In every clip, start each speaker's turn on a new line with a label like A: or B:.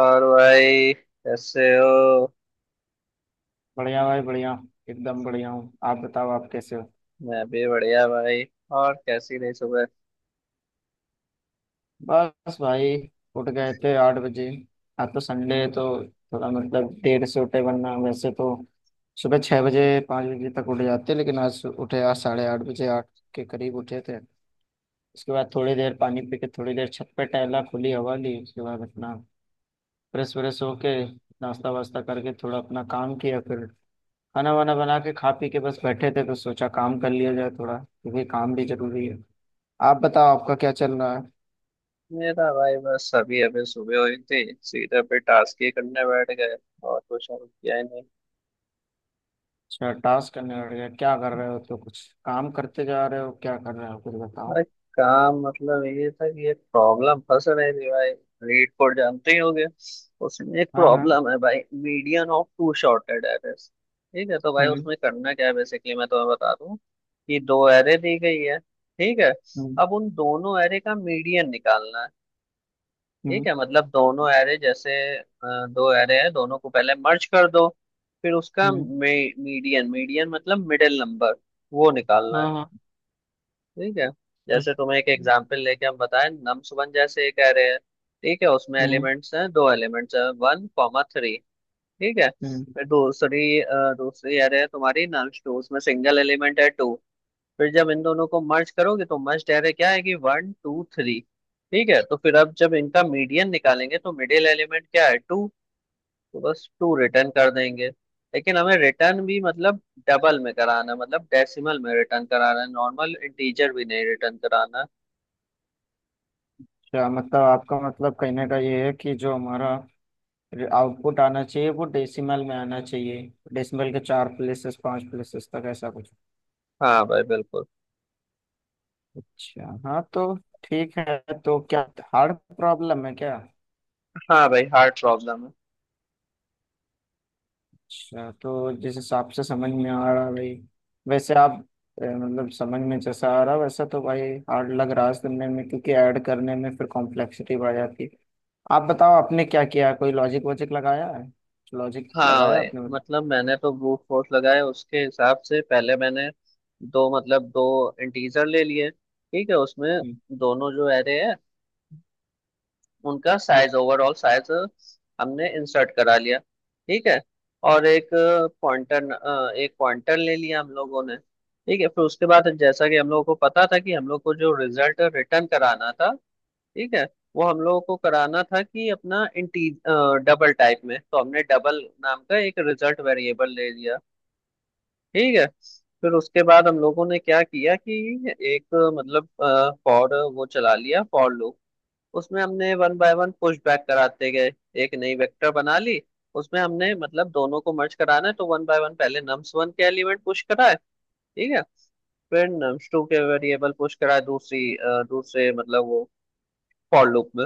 A: और भाई कैसे हो।
B: बढ़िया भाई बढ़िया। एकदम बढ़िया हूँ। आप बताओ आप कैसे हो।
A: मैं भी बढ़िया भाई। और कैसी रही सुबह?
B: बस भाई, उठ गए थे 8 बजे। आज तो संडे है तो थोड़ा मतलब देर से उठे, वरना वैसे तो सुबह 6 बजे 5 बजे तक उठ जाते, लेकिन आज उठे, आज 8:30 बजे 8 के करीब उठे थे। उसके बाद थोड़ी देर पानी पी के थोड़ी देर छत पे टहला, खुली हवा ली। उसके बाद अपना फ्रेश व्रेश होके नाश्ता वास्ता करके थोड़ा अपना काम किया। फिर खाना वाना बना के खा पी के बस बैठे थे तो सोचा काम कर लिया जाए थोड़ा, क्योंकि काम भी जरूरी है। आप बताओ, आपका क्या चल रहा है।
A: मेरा भाई बस अभी अभी सुबह हुई थी। सीधे पे टास्क ही करने बैठ गए। और कुछ और किया ही नहीं।
B: अच्छा, टास्क करने बैठ गया? क्या कर रहे हो? तो कुछ काम करते जा रहे हो? क्या कर रहे हो? कुछ बताओ।
A: भाई काम मतलब ये था कि एक प्रॉब्लम फंस रही थी भाई। लीड कोड जानते ही होगे। उसमें एक
B: हाँ हाँ।
A: प्रॉब्लम है भाई, median of two sorted arrays. ठीक है, तो भाई
B: हम्म।
A: उसमें करना क्या है बेसिकली, मैं तुम्हें बता दूं कि दो एरे दी गई है। ठीक है।
B: हम्म।
A: अब उन दोनों एरे का मीडियन निकालना है। ठीक
B: हम्म।
A: है, मतलब दोनों एरे जैसे अ, दो एरे हैं, दोनों को पहले मर्ज कर दो। फिर उसका
B: हम्म,
A: मीडियन, मीडियन मतलब मिडिल नंबर, वो निकालना है।
B: हाँ हाँ।
A: ठीक है। जैसे
B: अच्छा।
A: तुम्हें एक एग्जांपल लेके हम बताएं, नम्स वन जैसे एक एरे है, ठीक है, उसमें
B: हम्म।
A: एलिमेंट्स हैं, दो एलिमेंट्स हैं, वन कॉमा थ्री। ठीक है।
B: हम्म।
A: फिर दूसरी दूसरी एरे है तुम्हारी नम्स टू, उसमें सिंगल एलिमेंट है टू। फिर जब इन दोनों को मर्ज करोगे तो मर्ज डायरे क्या है कि वन टू थ्री। ठीक है, तो फिर अब जब इनका मीडियन निकालेंगे तो मिडिल एलिमेंट क्या है, टू। तो बस टू रिटर्न कर देंगे। लेकिन हमें रिटर्न भी मतलब डबल में कराना है, मतलब डेसिमल में रिटर्न कराना है, नॉर्मल इंटीजर भी नहीं रिटर्न कराना है।
B: अच्छा, मतलब आपका मतलब कहने का ये है कि जो हमारा आउटपुट आना चाहिए वो डेसिमल में आना चाहिए। डेसिमल के चार प्लेसेस, पांच प्लेसेस तक, ऐसा कुछ।
A: हाँ भाई बिल्कुल।
B: अच्छा, हाँ तो ठीक है। तो क्या हार्ड प्रॉब्लम है क्या?
A: हाँ भाई हार्ड प्रॉब्लम है।
B: अच्छा, तो जिस हिसाब से समझ में आ रहा है भाई, वैसे आप मतलब समझ में जैसा आ रहा वैसा तो भाई हार्ड लग रहा है सुनने में, क्योंकि ऐड करने में फिर कॉम्प्लेक्सिटी बढ़ जाती है। आप बताओ, आपने क्या किया है? कोई लॉजिक वॉजिक लगाया है? लॉजिक
A: हाँ
B: लगाया
A: भाई,
B: आपने? हम्म।
A: मतलब मैंने तो ब्रूट फोर्स लगाया। उसके हिसाब से पहले मैंने दो मतलब दो इंटीजर ले लिए, ठीक है, उसमें दोनों जो एरे है उनका साइज, ओवरऑल साइज हमने इंसर्ट करा लिया। ठीक है। और एक पॉइंटर, एक पॉइंटर ले लिया हम लोगों ने। ठीक है। फिर उसके बाद जैसा कि हम लोगों को पता था कि हम लोग को जो रिजल्ट रिटर्न कराना था, ठीक है, वो हम लोगों को कराना था कि अपना इंटी डबल टाइप में, तो हमने डबल नाम का एक रिजल्ट वेरिएबल ले लिया। ठीक है। फिर उसके बाद हम लोगों ने क्या किया कि एक मतलब फॉर वो चला लिया, फॉर लूप। उसमें हमने one by one push back कराते गए। एक नई वेक्टर बना ली, उसमें हमने मतलब दोनों को मर्ज कराना है तो वन बाय वन पहले नम्स वन के एलिमेंट पुश कराए। ठीक है। फिर नम्स टू के वेरिएबल पुश कराए दूसरी दूसरे मतलब वो फॉर लूप में।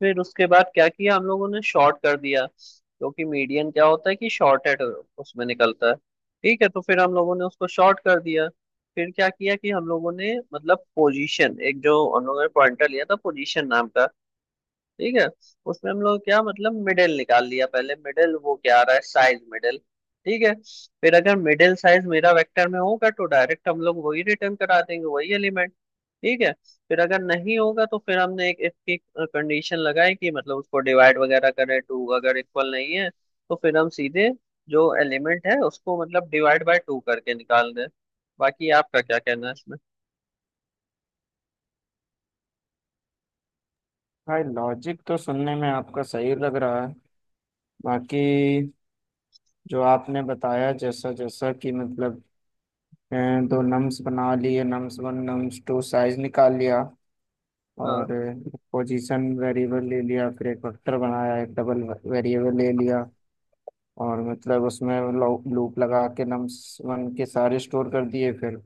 A: फिर उसके बाद क्या किया हम लोगों ने, शॉर्ट कर दिया, क्योंकि मीडियन क्या होता है कि शॉर्टेड उसमें निकलता है। ठीक है, तो फिर हम लोगों ने उसको शॉर्ट कर दिया। फिर क्या किया कि हम लोगों ने मतलब पोजीशन, एक जो हम लोगों ने पॉइंटर लिया था पोजीशन नाम का, ठीक है, उसमें हम लोग क्या मतलब मिडिल निकाल लिया पहले, मिडिल वो क्या आ रहा है साइज मिडिल। ठीक है। फिर अगर मिडिल साइज मेरा वेक्टर में होगा तो डायरेक्ट हम लोग वही रिटर्न करा देंगे, वही एलिमेंट। ठीक है। फिर अगर नहीं होगा तो फिर हमने एक इसकी कंडीशन लगाई कि मतलब उसको डिवाइड वगैरह करें टू, अगर इक्वल नहीं है तो फिर हम सीधे जो एलिमेंट है उसको मतलब डिवाइड बाय टू करके निकाल दें। बाकी आपका क्या कहना है इसमें?
B: भाई लॉजिक तो सुनने में आपका सही लग रहा है। बाकी जो आपने बताया, जैसा जैसा कि मतलब अ, दो नम्स बना लिए, nums one nums two, size निकाल लिया और
A: हाँ।
B: पोजीशन वेरिएबल ले लिया, फिर एक वेक्टर बनाया, एक डबल वेरिएबल ले लिया और मतलब उसमें लूप लगा के नम्स वन के सारे स्टोर कर दिए, फिर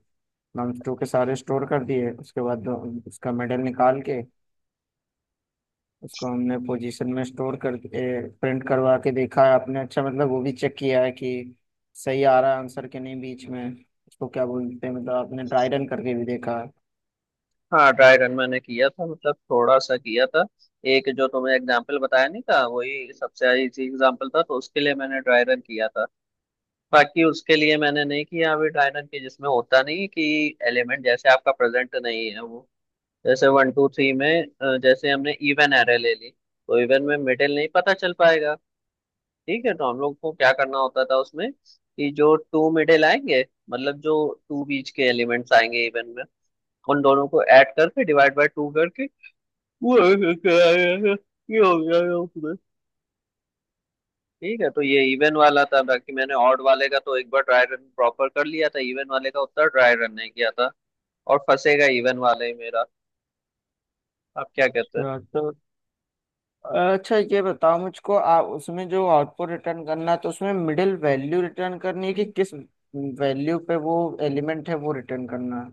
B: नम्स टू के सारे स्टोर कर दिए। उसके बाद उसका मेडल निकाल के उसको हमने पोजीशन में स्टोर कर प्रिंट करवा के देखा है आपने? अच्छा, मतलब वो भी चेक किया है कि सही आ रहा है आंसर के नहीं बीच में? उसको क्या बोलते हैं, मतलब आपने ट्राई रन करके भी देखा है?
A: हाँ, ड्राई रन मैंने किया था, मतलब थोड़ा सा किया था। एक जो तुम्हें एग्जाम्पल बताया नहीं था वही सबसे इजी एग्जाम्पल था, तो उसके लिए मैंने ड्राई रन किया था। बाकी उसके लिए मैंने नहीं किया अभी ड्राई रन की, जिसमें होता नहीं है कि एलिमेंट जैसे आपका प्रेजेंट नहीं है वो, जैसे वन टू थ्री में जैसे हमने इवन एरे ले ली तो इवन में मिडिल नहीं पता चल पाएगा। ठीक है, तो हम लोग को क्या करना होता था उसमें कि जो टू मिडिल आएंगे, मतलब जो टू बीच के एलिमेंट्स आएंगे इवन में, उन दोनों को ऐड करके डिवाइड बाय टू करके वो ऐसे क्या है? ये हो गया है उसमें। ठीक है, तो ये इवन वाला था। बाकी मैंने ऑड वाले का तो एक बार ट्राई रन प्रॉपर कर लिया था, इवन वाले का उतना ट्राई रन नहीं किया था और फंसेगा इवन वाले ही मेरा। आप क्या कहते हो?
B: अच्छा, तो अच्छा, ये बताओ मुझको, उसमें जो आउटपुट रिटर्न करना है तो उसमें मिडिल वैल्यू रिटर्न करनी है कि किस वैल्यू पे वो एलिमेंट है वो रिटर्न करना है?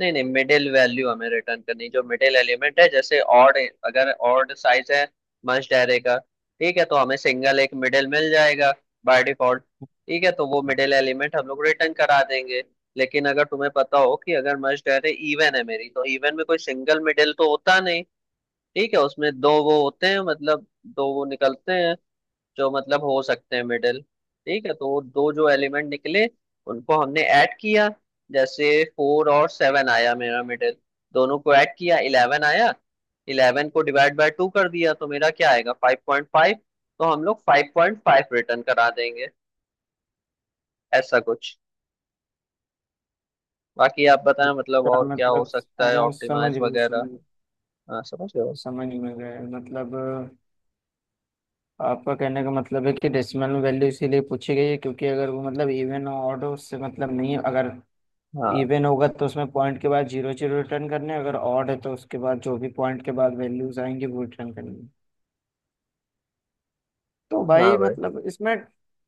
A: नहीं नहीं, मिडिल वैल्यू हमें रिटर्न करनी, जो मिडिल एलिमेंट है जैसे ऑड, अगर ऑड साइज है मस्ट ऐरे का, ठीक है, तो हमें सिंगल एक मिडिल मिल जाएगा बाय डिफॉल्ट। ठीक है, तो वो मिडिल एलिमेंट हम लोग रिटर्न करा देंगे। लेकिन अगर तुम्हें पता हो कि अगर मस्ट ऐरे इवन है मेरी, तो इवन में कोई सिंगल मिडिल तो होता नहीं। ठीक है, उसमें दो वो होते हैं, मतलब दो वो निकलते हैं जो मतलब हो सकते हैं मिडिल। ठीक है, तो वो दो जो एलिमेंट निकले उनको हमने ऐड किया। जैसे फोर और सेवन आया मेरा मिडिल, दोनों को ऐड किया इलेवन आया, इलेवन को डिवाइड बाय टू कर दिया तो मेरा क्या आएगा, फाइव पॉइंट फाइव। तो हम लोग फाइव पॉइंट फाइव रिटर्न करा देंगे, ऐसा कुछ। बाकी आप बताएं मतलब
B: क्या
A: और क्या हो
B: मतलब?
A: सकता है,
B: अगर समझ
A: ऑप्टिमाइज
B: गए
A: वगैरह?
B: समझ
A: हाँ समझ रहे हो।
B: समझ में गए मतलब आपका कहने का मतलब है कि डेसिमल वैल्यू इसीलिए पूछी गई है, क्योंकि अगर वो मतलब इवन ऑड उससे मतलब नहीं है। अगर
A: हाँ।
B: इवन होगा तो उसमें पॉइंट के बाद जीरो जीरो रिटर्न करने, अगर ऑड है तो उसके बाद जो भी पॉइंट के बाद वैल्यूज आएंगे वो रिटर्न करनी। तो
A: हाँ
B: भाई
A: भाई।
B: मतलब इसमें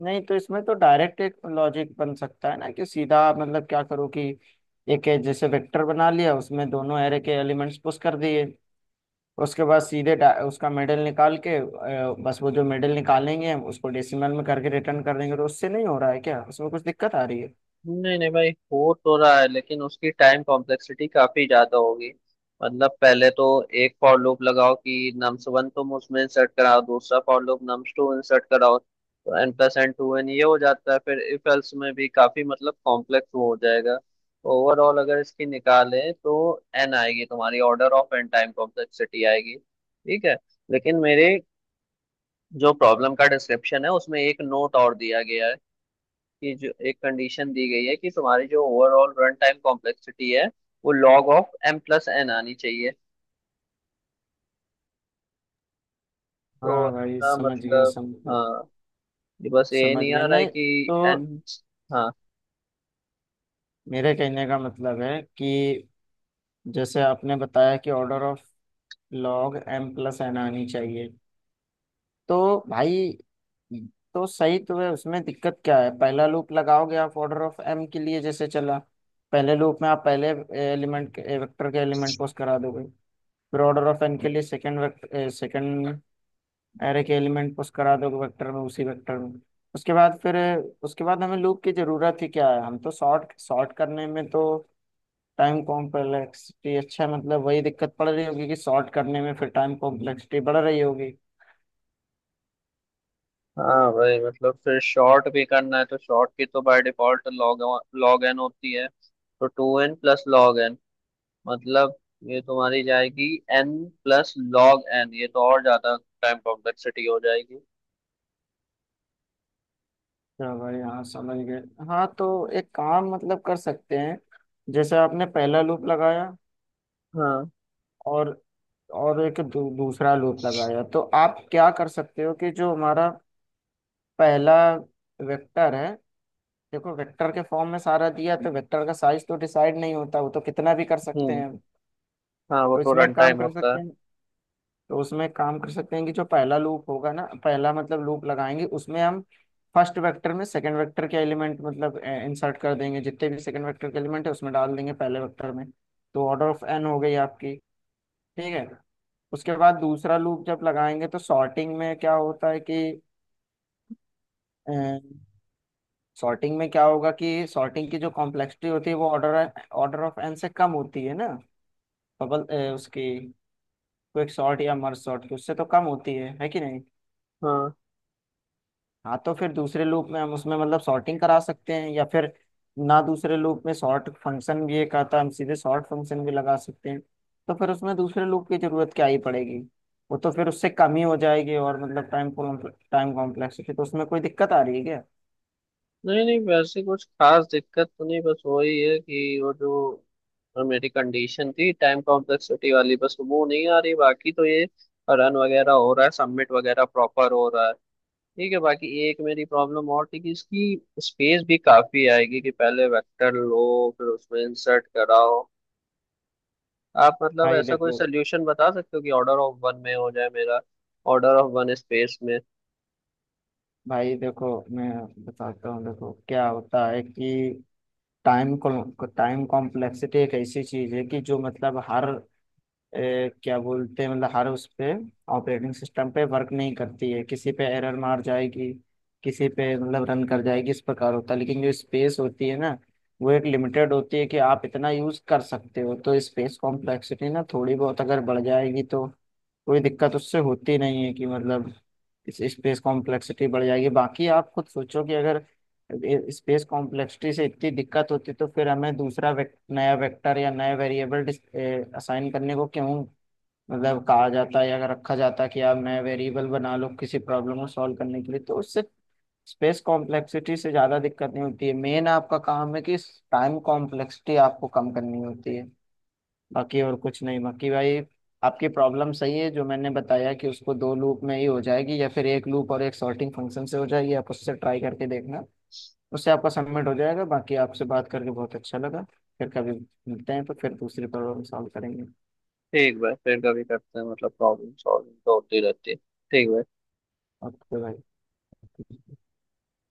B: नहीं, तो इसमें तो डायरेक्ट एक लॉजिक बन सकता है ना कि सीधा, मतलब क्या करो कि एक है जैसे वेक्टर बना लिया उसमें दोनों एरे के एलिमेंट्स पुश कर दिए। उसके बाद सीधे उसका मिडिल निकाल के बस वो जो मिडिल निकालेंगे हम उसको डेसिमल में करके रिटर्न कर देंगे। तो उससे नहीं हो रहा है क्या? उसमें कुछ दिक्कत आ रही है?
A: नहीं नहीं भाई, हो तो रहा है लेकिन उसकी टाइम कॉम्प्लेक्सिटी काफी ज्यादा होगी। मतलब पहले तो एक फॉर लूप लगाओ कि नम्स वन तुम उसमें इंसर्ट कराओ, दूसरा for loop nums two insert कराओ, तो N plus N two N ये हो जाता है। फिर इफ एल्स में भी काफी मतलब कॉम्प्लेक्स वो हो जाएगा। ओवरऑल अगर इसकी निकालें तो एन आएगी तुम्हारी, order of N time complexity आएगी। ठीक है। लेकिन मेरे जो प्रॉब्लम का डिस्क्रिप्शन है उसमें एक नोट और दिया गया है कि जो एक कंडीशन दी गई है कि तुम्हारी जो ओवरऑल रन टाइम कॉम्प्लेक्सिटी है वो log of M plus N आनी चाहिए। तो
B: हाँ भाई
A: इसका
B: समझ गया
A: मतलब
B: समझ
A: हाँ, ये बस ये
B: समझ
A: नहीं
B: गया।
A: आ रहा है
B: नहीं,
A: कि
B: तो
A: एन। हाँ।
B: मेरे कहने का मतलब है कि जैसे आपने बताया कि order of log M plus N आनी चाहिए, तो भाई तो सही तो है। उसमें दिक्कत क्या है? पहला लूप लगाओगे आप ऑर्डर ऑफ एम के लिए, जैसे चला, पहले लूप में आप पहले एलिमेंट के वेक्टर के एलिमेंट पुश करा दोगे। फिर ऑर्डर ऑफ एन के लिए सेकंड वेक्टर, सेकंड एरे के एलिमेंट पुश करा दोगे वेक्टर में, उसी वेक्टर में। उसके बाद फिर उसके बाद हमें लूप की जरूरत ही क्या है? हम तो सॉर्ट, सॉर्ट करने में तो टाइम कॉम्प्लेक्सिटी, अच्छा मतलब वही दिक्कत पड़ रही होगी कि सॉर्ट करने में फिर टाइम कॉम्प्लेक्सिटी बढ़ रही होगी।
A: हाँ भाई, मतलब फिर शॉर्ट भी करना है, तो शॉर्ट की तो by default log, log N होती है, तो two N plus log N, मतलब ये तुम्हारी जाएगी एन प्लस लॉग एन, ये तो और ज्यादा टाइम कॉम्प्लेक्सिटी हो जाएगी।
B: चलो भाई, हाँ समझ गए। हाँ तो एक काम मतलब कर सकते हैं, जैसे आपने पहला लूप लगाया
A: हाँ।
B: और दूसरा लूप लगाया, तो आप क्या कर सकते हो कि जो हमारा पहला वेक्टर है, देखो वेक्टर के फॉर्म में सारा दिया, तो वेक्टर का साइज तो डिसाइड नहीं होता, वो तो कितना भी कर सकते
A: हम्म।
B: हैं हम।
A: हाँ वो
B: तो
A: तो
B: इसमें
A: रन
B: एक काम
A: टाइम
B: कर
A: होता
B: सकते
A: है।
B: हैं, तो उसमें काम कर सकते हैं कि जो पहला लूप होगा ना, पहला मतलब लूप लगाएंगे उसमें हम फर्स्ट वेक्टर में सेकंड वेक्टर के एलिमेंट मतलब इंसर्ट कर देंगे। जितने भी सेकंड वेक्टर के एलिमेंट है उसमें डाल देंगे, पहले वेक्टर में। तो ऑर्डर ऑफ एन हो गई आपकी। ठीक है। उसके बाद दूसरा लूप जब लगाएंगे तो सॉर्टिंग में क्या होता है कि सॉर्टिंग में क्या होगा कि सॉर्टिंग की जो कॉम्प्लेक्सिटी होती है वो ऑर्डर ऑर्डर ऑफ एन से कम होती है ना? बबल उसकी क्विक सॉर्ट या मर्ज सॉर्ट की उससे तो कम होती है कि नहीं?
A: हाँ।
B: हाँ तो फिर दूसरे लूप में हम उसमें मतलब सॉर्टिंग करा सकते हैं या फिर ना दूसरे लूप में सॉर्ट फंक्शन भी एक आता है, हम सीधे सॉर्ट फंक्शन भी लगा सकते हैं। तो फिर उसमें दूसरे लूप की जरूरत क्या ही पड़ेगी? वो तो फिर उससे कम ही हो जाएगी, और मतलब टाइम टाइम कॉम्प्लेक्सिटी तो उसमें कोई दिक्कत आ रही है क्या?
A: नहीं नहीं, वैसे कुछ खास दिक्कत तो नहीं, बस वही है कि वो जो मेरी कंडीशन थी टाइम कॉम्प्लेक्सिटी वाली, बस वो नहीं आ रही। बाकी तो ये रन वगैरह हो रहा है, सबमिट वगैरह प्रॉपर हो रहा है। ठीक है। बाकी एक मेरी प्रॉब्लम और थी कि इसकी स्पेस भी काफी आएगी कि पहले वेक्टर लो फिर उसमें इंसर्ट कराओ। आप मतलब
B: भाई
A: ऐसा कोई
B: देखो,
A: सोल्यूशन बता सकते हो कि ऑर्डर ऑफ वन में हो जाए मेरा, ऑर्डर ऑफ वन स्पेस में?
B: भाई देखो, मैं बताता हूँ। देखो, क्या होता है कि टाइम टाइम कॉम्प्लेक्सिटी एक ऐसी चीज है कि जो मतलब हर क्या बोलते हैं, मतलब हर उस पे ऑपरेटिंग सिस्टम पे वर्क नहीं करती है, किसी पे एरर मार जाएगी, किसी पे मतलब रन कर जाएगी, इस प्रकार होता है। लेकिन जो स्पेस होती है ना, वो एक लिमिटेड होती है कि आप इतना यूज कर सकते हो। तो स्पेस कॉम्प्लेक्सिटी ना थोड़ी बहुत अगर बढ़ जाएगी तो कोई दिक्कत उससे होती नहीं है कि मतलब इस स्पेस कॉम्प्लेक्सिटी बढ़ जाएगी। बाकी आप खुद सोचो कि अगर स्पेस कॉम्प्लेक्सिटी से इतनी दिक्कत होती तो फिर हमें दूसरा नया वेक्टर या नया वेरिएबल असाइन करने को क्यों मतलब कहा जाता है, अगर रखा जाता है कि आप नया वेरिएबल बना लो किसी प्रॉब्लम को सॉल्व करने के लिए, तो उससे स्पेस कॉम्प्लेक्सिटी से ज़्यादा दिक्कत नहीं होती है। मेन आपका काम है कि टाइम कॉम्प्लेक्सिटी आपको कम करनी होती है। बाकी और कुछ नहीं। बाकी भाई आपकी प्रॉब्लम सही है, जो मैंने बताया कि उसको दो लूप में ही हो जाएगी या फिर एक लूप और एक सॉर्टिंग फंक्शन से हो जाएगी। आप उससे ट्राई करके देखना, उससे आपका सबमिट हो जाएगा। बाकी आपसे बात करके बहुत अच्छा लगा। फिर कभी मिलते हैं तो फिर दूसरी प्रॉब्लम सॉल्व करेंगे।
A: ठीक भाई, फिर कभी करते हैं, मतलब प्रॉब्लम सॉल्विंग तो होती रहती है। ठीक भाई।
B: ओके भाई।